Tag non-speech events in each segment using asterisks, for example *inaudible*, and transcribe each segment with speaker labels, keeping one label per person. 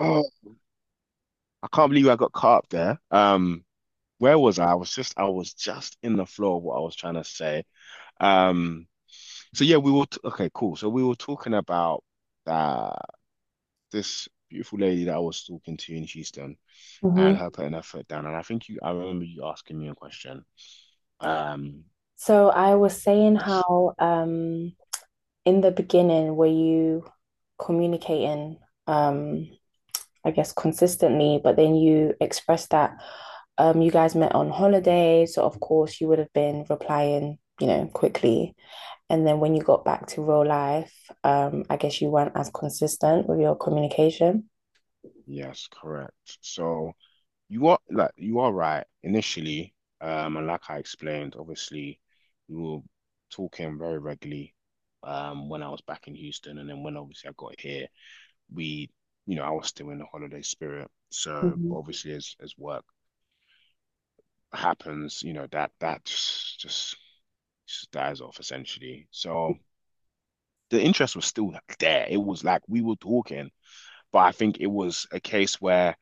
Speaker 1: Oh, I can't believe I got caught up there. Where was I? I was just in the flow of what I was trying to say. Um, so yeah, we were t okay, cool. So we were talking about uh this beautiful lady that I was talking to in Houston
Speaker 2: Hmm.
Speaker 1: and her putting her foot down. And I think you I remember you asking me a question. Um,
Speaker 2: So I was saying
Speaker 1: yes,
Speaker 2: how in the beginning, were you communicating, um, I guess, consistently, but then you expressed that you guys met on holiday, so of course you would have been replying, quickly. And then when you got back to real life, I guess you weren't as consistent with your communication.
Speaker 1: yes, correct. So you are right initially, and like I explained, obviously we were talking very regularly, when I was back in Houston, and then when obviously I got here, we, I was still in the holiday spirit. So
Speaker 2: Mhm.
Speaker 1: obviously, as work happens, that just just dies off essentially. So the interest was still there. It was like we were talking, but I think it was a case where.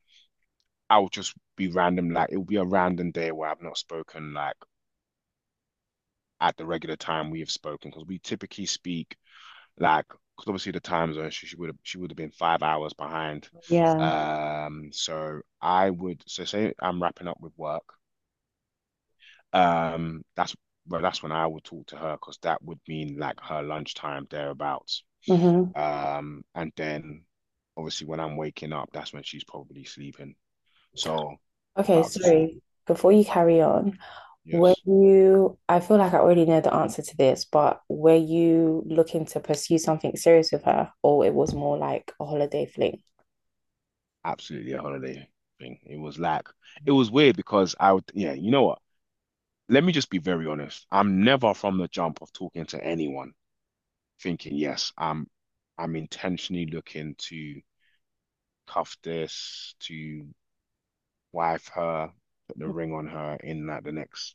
Speaker 1: I'll just be random, like it'll be a random day where I've not spoken like at the regular time we have spoken because we typically speak like because obviously the time zone she would have been 5 hours behind.
Speaker 2: Yeah.
Speaker 1: So I would say I'm wrapping up with work. That's Well, that's when I will talk to her because that would mean like her lunchtime thereabouts.
Speaker 2: Hmm.
Speaker 1: And then obviously when I'm waking up, that's when she's probably sleeping. So
Speaker 2: Okay,
Speaker 1: about to sleep.
Speaker 2: sorry. Before you carry on,
Speaker 1: Yes,
Speaker 2: I feel like I already know the answer to this, but were you looking to pursue something serious with her, or it was more like a holiday fling?
Speaker 1: absolutely a holiday thing. It was like it was weird because I would yeah, you know what? Let me just be very honest. I'm never from the jump of talking to anyone thinking, yes, I'm intentionally looking to cuff this, to wife her, put the ring on her in like the next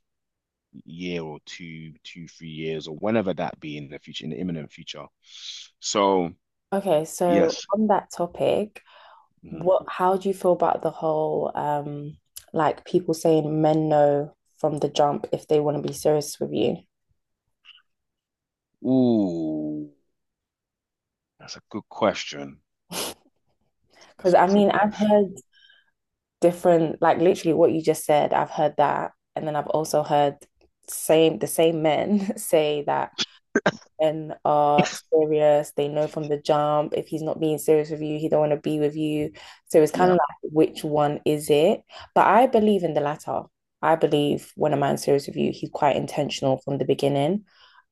Speaker 1: year or two, two, 3 years, or whenever that be in the future, in the imminent future. So
Speaker 2: Okay, so
Speaker 1: yes.
Speaker 2: on that topic,
Speaker 1: Mhm.
Speaker 2: what how do you feel about the whole like people saying men know from the jump if they want to be serious with you?
Speaker 1: Ooh, that's a good question.
Speaker 2: *laughs* Because
Speaker 1: That's a
Speaker 2: I
Speaker 1: good
Speaker 2: mean, I've
Speaker 1: question.
Speaker 2: heard different, like literally what you just said, I've heard that. And then I've also heard same the same men *laughs* say that men are
Speaker 1: *laughs*
Speaker 2: serious, they know from the jump. If he's not being serious with you, he don't want to be with you. So it's kind of
Speaker 1: Yeah.
Speaker 2: like which one is it? But I believe in the latter. I believe when a man's serious with you, he's quite intentional from the beginning.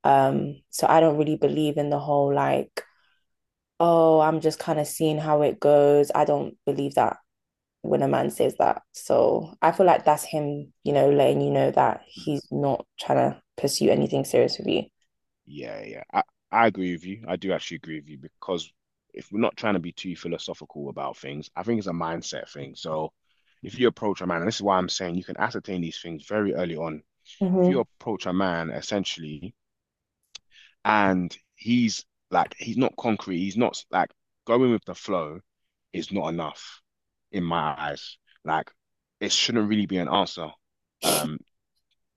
Speaker 2: So I don't really believe in the whole like, oh, I'm just kind of seeing how it goes. I don't believe that when a man says that. So I feel like that's him, letting you know that
Speaker 1: Mm-hmm.
Speaker 2: he's not trying to pursue anything serious with you.
Speaker 1: Yeah, yeah. I agree with you. I do actually agree with you because if we're not trying to be too philosophical about things, I think it's a mindset thing. So if you approach a man, and this is why I'm saying you can ascertain these things very early on. If you
Speaker 2: Hmm.
Speaker 1: approach a man essentially and he's like he's not concrete, he's not like going with the flow is not enough in my eyes. Like it shouldn't really be an answer. Um,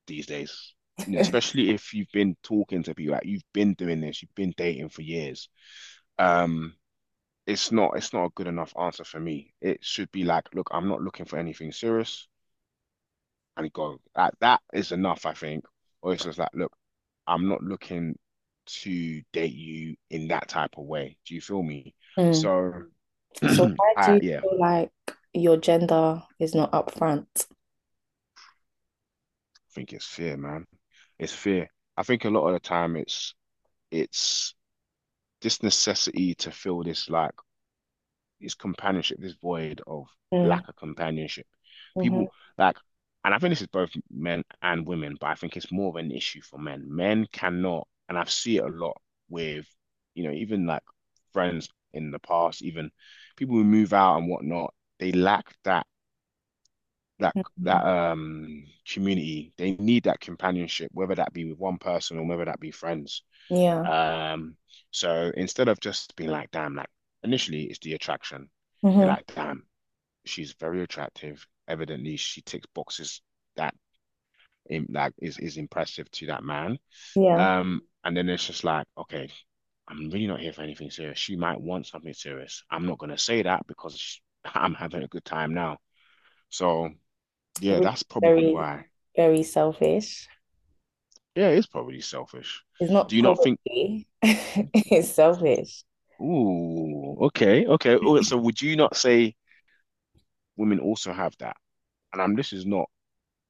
Speaker 1: these days. You know,
Speaker 2: *laughs*
Speaker 1: especially if you've been talking to people, like you've been doing this, you've been dating for years. Um, it's not a good enough answer for me. It should be like, look, I'm not looking for anything serious, and go. That is enough, I think. Or it's just like, look, I'm not looking to date you in that type of way. Do you feel me?
Speaker 2: Mm.
Speaker 1: So, *clears throat* I
Speaker 2: So why do you
Speaker 1: yeah, I
Speaker 2: feel like your gender is not upfront?
Speaker 1: think it's fear, man. It's fear. I think a lot of the time it's this necessity to feel this like this companionship, this void of
Speaker 2: Mm.
Speaker 1: lack of companionship. People
Speaker 2: Hmm.
Speaker 1: like, and I think this is both men and women, but I think it's more of an issue for men. Men cannot, and I've seen it a lot with, you know, even like friends in the past, even people who move out and whatnot, they lack that that community. They need that companionship, whether that be with one person or whether that be friends.
Speaker 2: Yeah.
Speaker 1: Um, so instead of just being like, damn, like initially it's the attraction. They're
Speaker 2: Hmm.
Speaker 1: like, damn, she's very attractive. Evidently, she ticks boxes that like is impressive to that man.
Speaker 2: Yeah.
Speaker 1: And then it's just like, okay, I'm really not here for anything serious. She might want something serious. I'm not gonna say that because *laughs* I'm having a good time now. So yeah,
Speaker 2: Which is
Speaker 1: that's probably
Speaker 2: very,
Speaker 1: why.
Speaker 2: very selfish.
Speaker 1: Yeah, it's probably selfish.
Speaker 2: It's not
Speaker 1: Do you not think?
Speaker 2: probably. *laughs* It's selfish.
Speaker 1: Ooh, okay, okay. Oh, so would you not say women also have that? And I'm. This is not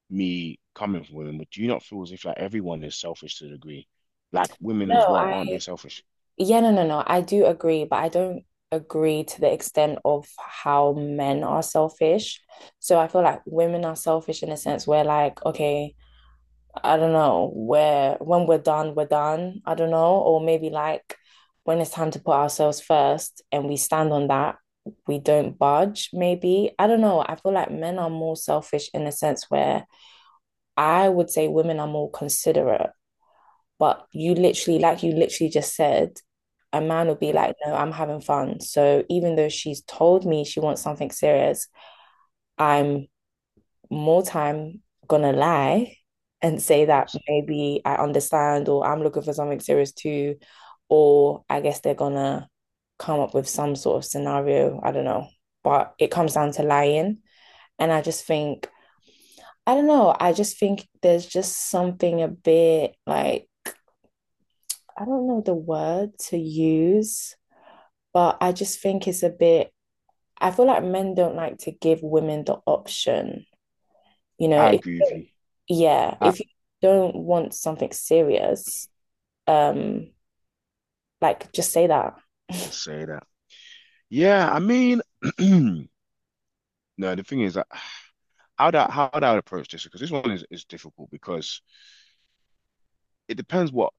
Speaker 1: me coming from women, but do you not feel as if like everyone is selfish to a degree? Like women as
Speaker 2: No,
Speaker 1: well, aren't they selfish?
Speaker 2: yeah, no, no, no. I do agree, but I don't agree to the extent of how men are selfish. So I feel like women are selfish in a sense where, like, okay, I don't know, where when we're done, we're done. I don't know. Or maybe like when it's time to put ourselves first and we stand on that, we don't budge, maybe. I don't know. I feel like men are more selfish in a sense where I would say women are more considerate. But you literally, like you literally just said, a man will be
Speaker 1: Mm, of
Speaker 2: like, no, I'm having fun. So even though she's told me she wants something serious, I'm more time gonna lie and say that
Speaker 1: course.
Speaker 2: maybe I understand or I'm looking for something serious too. Or I guess they're gonna come up with some sort of scenario. I don't know. But it comes down to lying. And I just think, I don't know, I just think there's just something a bit like I don't know the word to use, but I just think it's a bit, I feel like men don't like to give women the option. You know,
Speaker 1: I
Speaker 2: if,
Speaker 1: agree with you.
Speaker 2: yeah,
Speaker 1: I
Speaker 2: if you don't want something serious, um, like just say that. *laughs*
Speaker 1: just say that. Yeah, I mean, *clears throat* no, the thing is that how that I approach this because this one is difficult because it depends what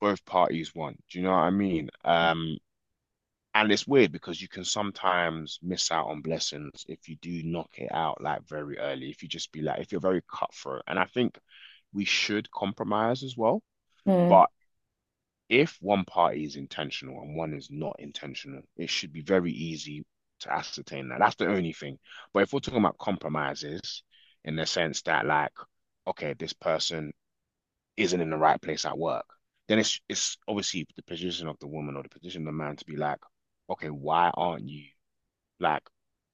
Speaker 1: both parties want. Do you know what I mean? And it's weird because you can sometimes miss out on blessings if you do knock it out like very early. If you just be like, if you're very cutthroat, and I think we should compromise as well.
Speaker 2: Mm,
Speaker 1: But if one party is intentional and one is not intentional, it should be very easy to ascertain that. That's the only thing. But if we're talking about compromises in the sense that, like, okay, this person isn't in the right place at work, then it's obviously the position of the woman or the position of the man to be like, okay, why aren't you like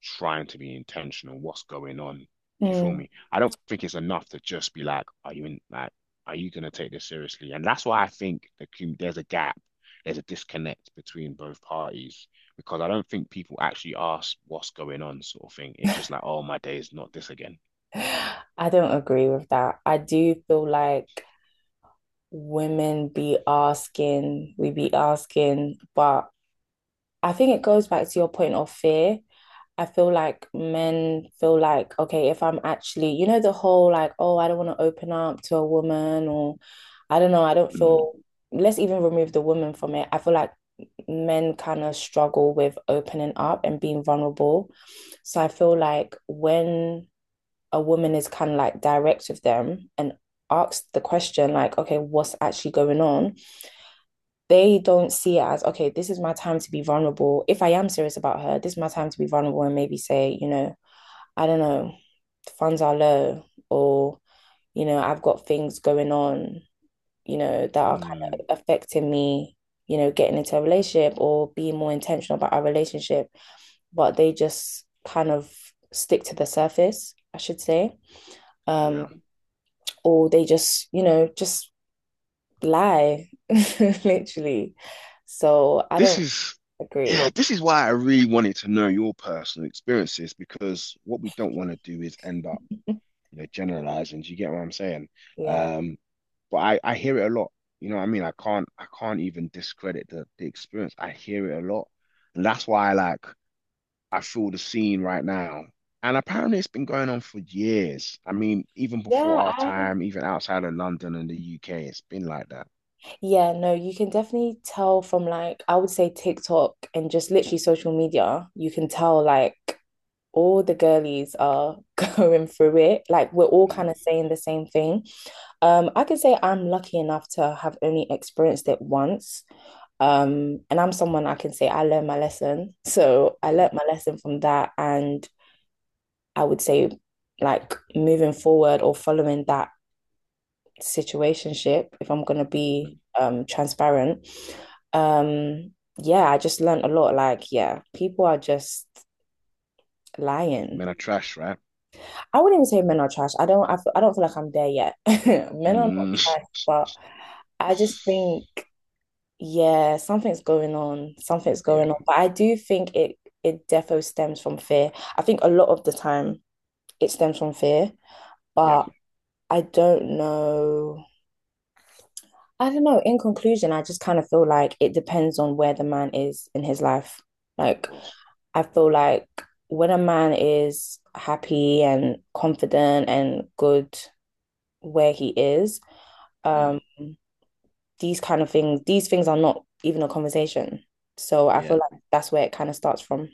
Speaker 1: trying to be intentional. What's going on? Do you feel
Speaker 2: mm.
Speaker 1: me? I don't think it's enough to just be like, are you in like, are you gonna take this seriously? And that's why I think there's a gap, there's a disconnect between both parties because I don't think people actually ask what's going on, sort of thing. It's just like, oh, my day is not this again.
Speaker 2: I don't agree with that. I do feel like women be asking, we be asking, but I think it goes back to your point of fear. I feel like men feel like, okay, if I'm actually, the whole like, oh, I don't want to open up to a woman, or I don't know, I don't
Speaker 1: Mm,
Speaker 2: feel, let's even remove the woman from it. I feel like men kind of struggle with opening up and being vulnerable. So I feel like when a woman is kind of like direct with them and asks the question, like, okay, what's actually going on? They don't see it as, okay, this is my time to be vulnerable. If I am serious about her, this is my time to be vulnerable and maybe say, I don't know, funds are low, or, I've got things going on, that are kind
Speaker 1: mm,
Speaker 2: of affecting me, getting into a relationship or being more intentional about our relationship, but they just kind of stick to the surface, I should say. Um,
Speaker 1: yeah.
Speaker 2: or they just lie, *laughs* literally. So I
Speaker 1: This
Speaker 2: don't
Speaker 1: is, yeah,
Speaker 2: agree.
Speaker 1: this is why I really wanted to know your personal experiences because what we don't want to do is end up
Speaker 2: *laughs*
Speaker 1: you know, generalizing. Do you get what I'm saying?
Speaker 2: Yeah.
Speaker 1: Um, but I hear it a lot. You know what I mean? I can't even discredit the experience. I hear it a lot. And that's why I feel the scene right now. And apparently it's been going on for years. I mean, even
Speaker 2: Yeah,
Speaker 1: before our
Speaker 2: I
Speaker 1: time, even outside of London and the UK, it's been like that.
Speaker 2: Yeah, no, you can definitely tell from like, I would say TikTok and just literally social media, you can tell like all the girlies are *laughs* going through it. Like, we're all kind
Speaker 1: Mm,
Speaker 2: of saying the same thing. I can say I'm lucky enough to have only experienced it once. And I'm someone I can say I learned my lesson. So I learned
Speaker 1: mm,
Speaker 2: my lesson from that. And I would say, like, moving forward or following that situationship, if I'm gonna be
Speaker 1: mm.
Speaker 2: transparent. Um, yeah, I just learned a lot. Like, yeah, people are just lying.
Speaker 1: Men are trash, right?
Speaker 2: I wouldn't even say men are trash. I don't. I don't feel like I'm there yet. *laughs* Men are not
Speaker 1: Mm. Mm.
Speaker 2: trash, but I just
Speaker 1: *laughs*
Speaker 2: think, yeah, something's going on. Something's going
Speaker 1: Yeah,
Speaker 2: on. But I do think it defo stems from fear. I think a lot of the time it stems from fear,
Speaker 1: yeah, of
Speaker 2: but I don't know I don't know. In conclusion, I just kind of feel like it depends on where the man is in his life. Like,
Speaker 1: course.
Speaker 2: I feel like when a man is happy and confident and good where he is, um,
Speaker 1: Mm,
Speaker 2: these kind of things, these things are not even a conversation. So I feel
Speaker 1: yeah.
Speaker 2: like that's where it kind of starts from.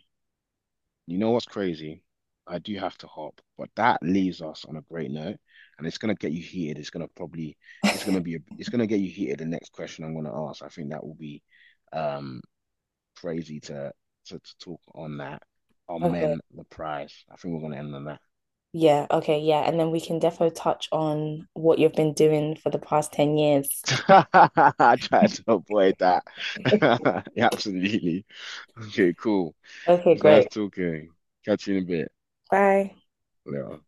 Speaker 1: You know what's crazy? I do have to hop, but that leaves us on a great note, and it's gonna get you heated. It's gonna probably, it's gonna
Speaker 2: *laughs*
Speaker 1: be, It's gonna get you heated. The next question I'm gonna ask, I think that will be, um, crazy to to talk on that. Are
Speaker 2: Okay.
Speaker 1: men the prize? I think we're gonna end on that.
Speaker 2: Yeah, okay, yeah. And then we can defo touch on what you've been doing for the past 10 years.
Speaker 1: *laughs* I tried to avoid that. *laughs* Yeah, absolutely. Okay, cool.
Speaker 2: Okay,
Speaker 1: It's nice
Speaker 2: great.
Speaker 1: talking. Catch you in a bit.
Speaker 2: Bye.
Speaker 1: Later.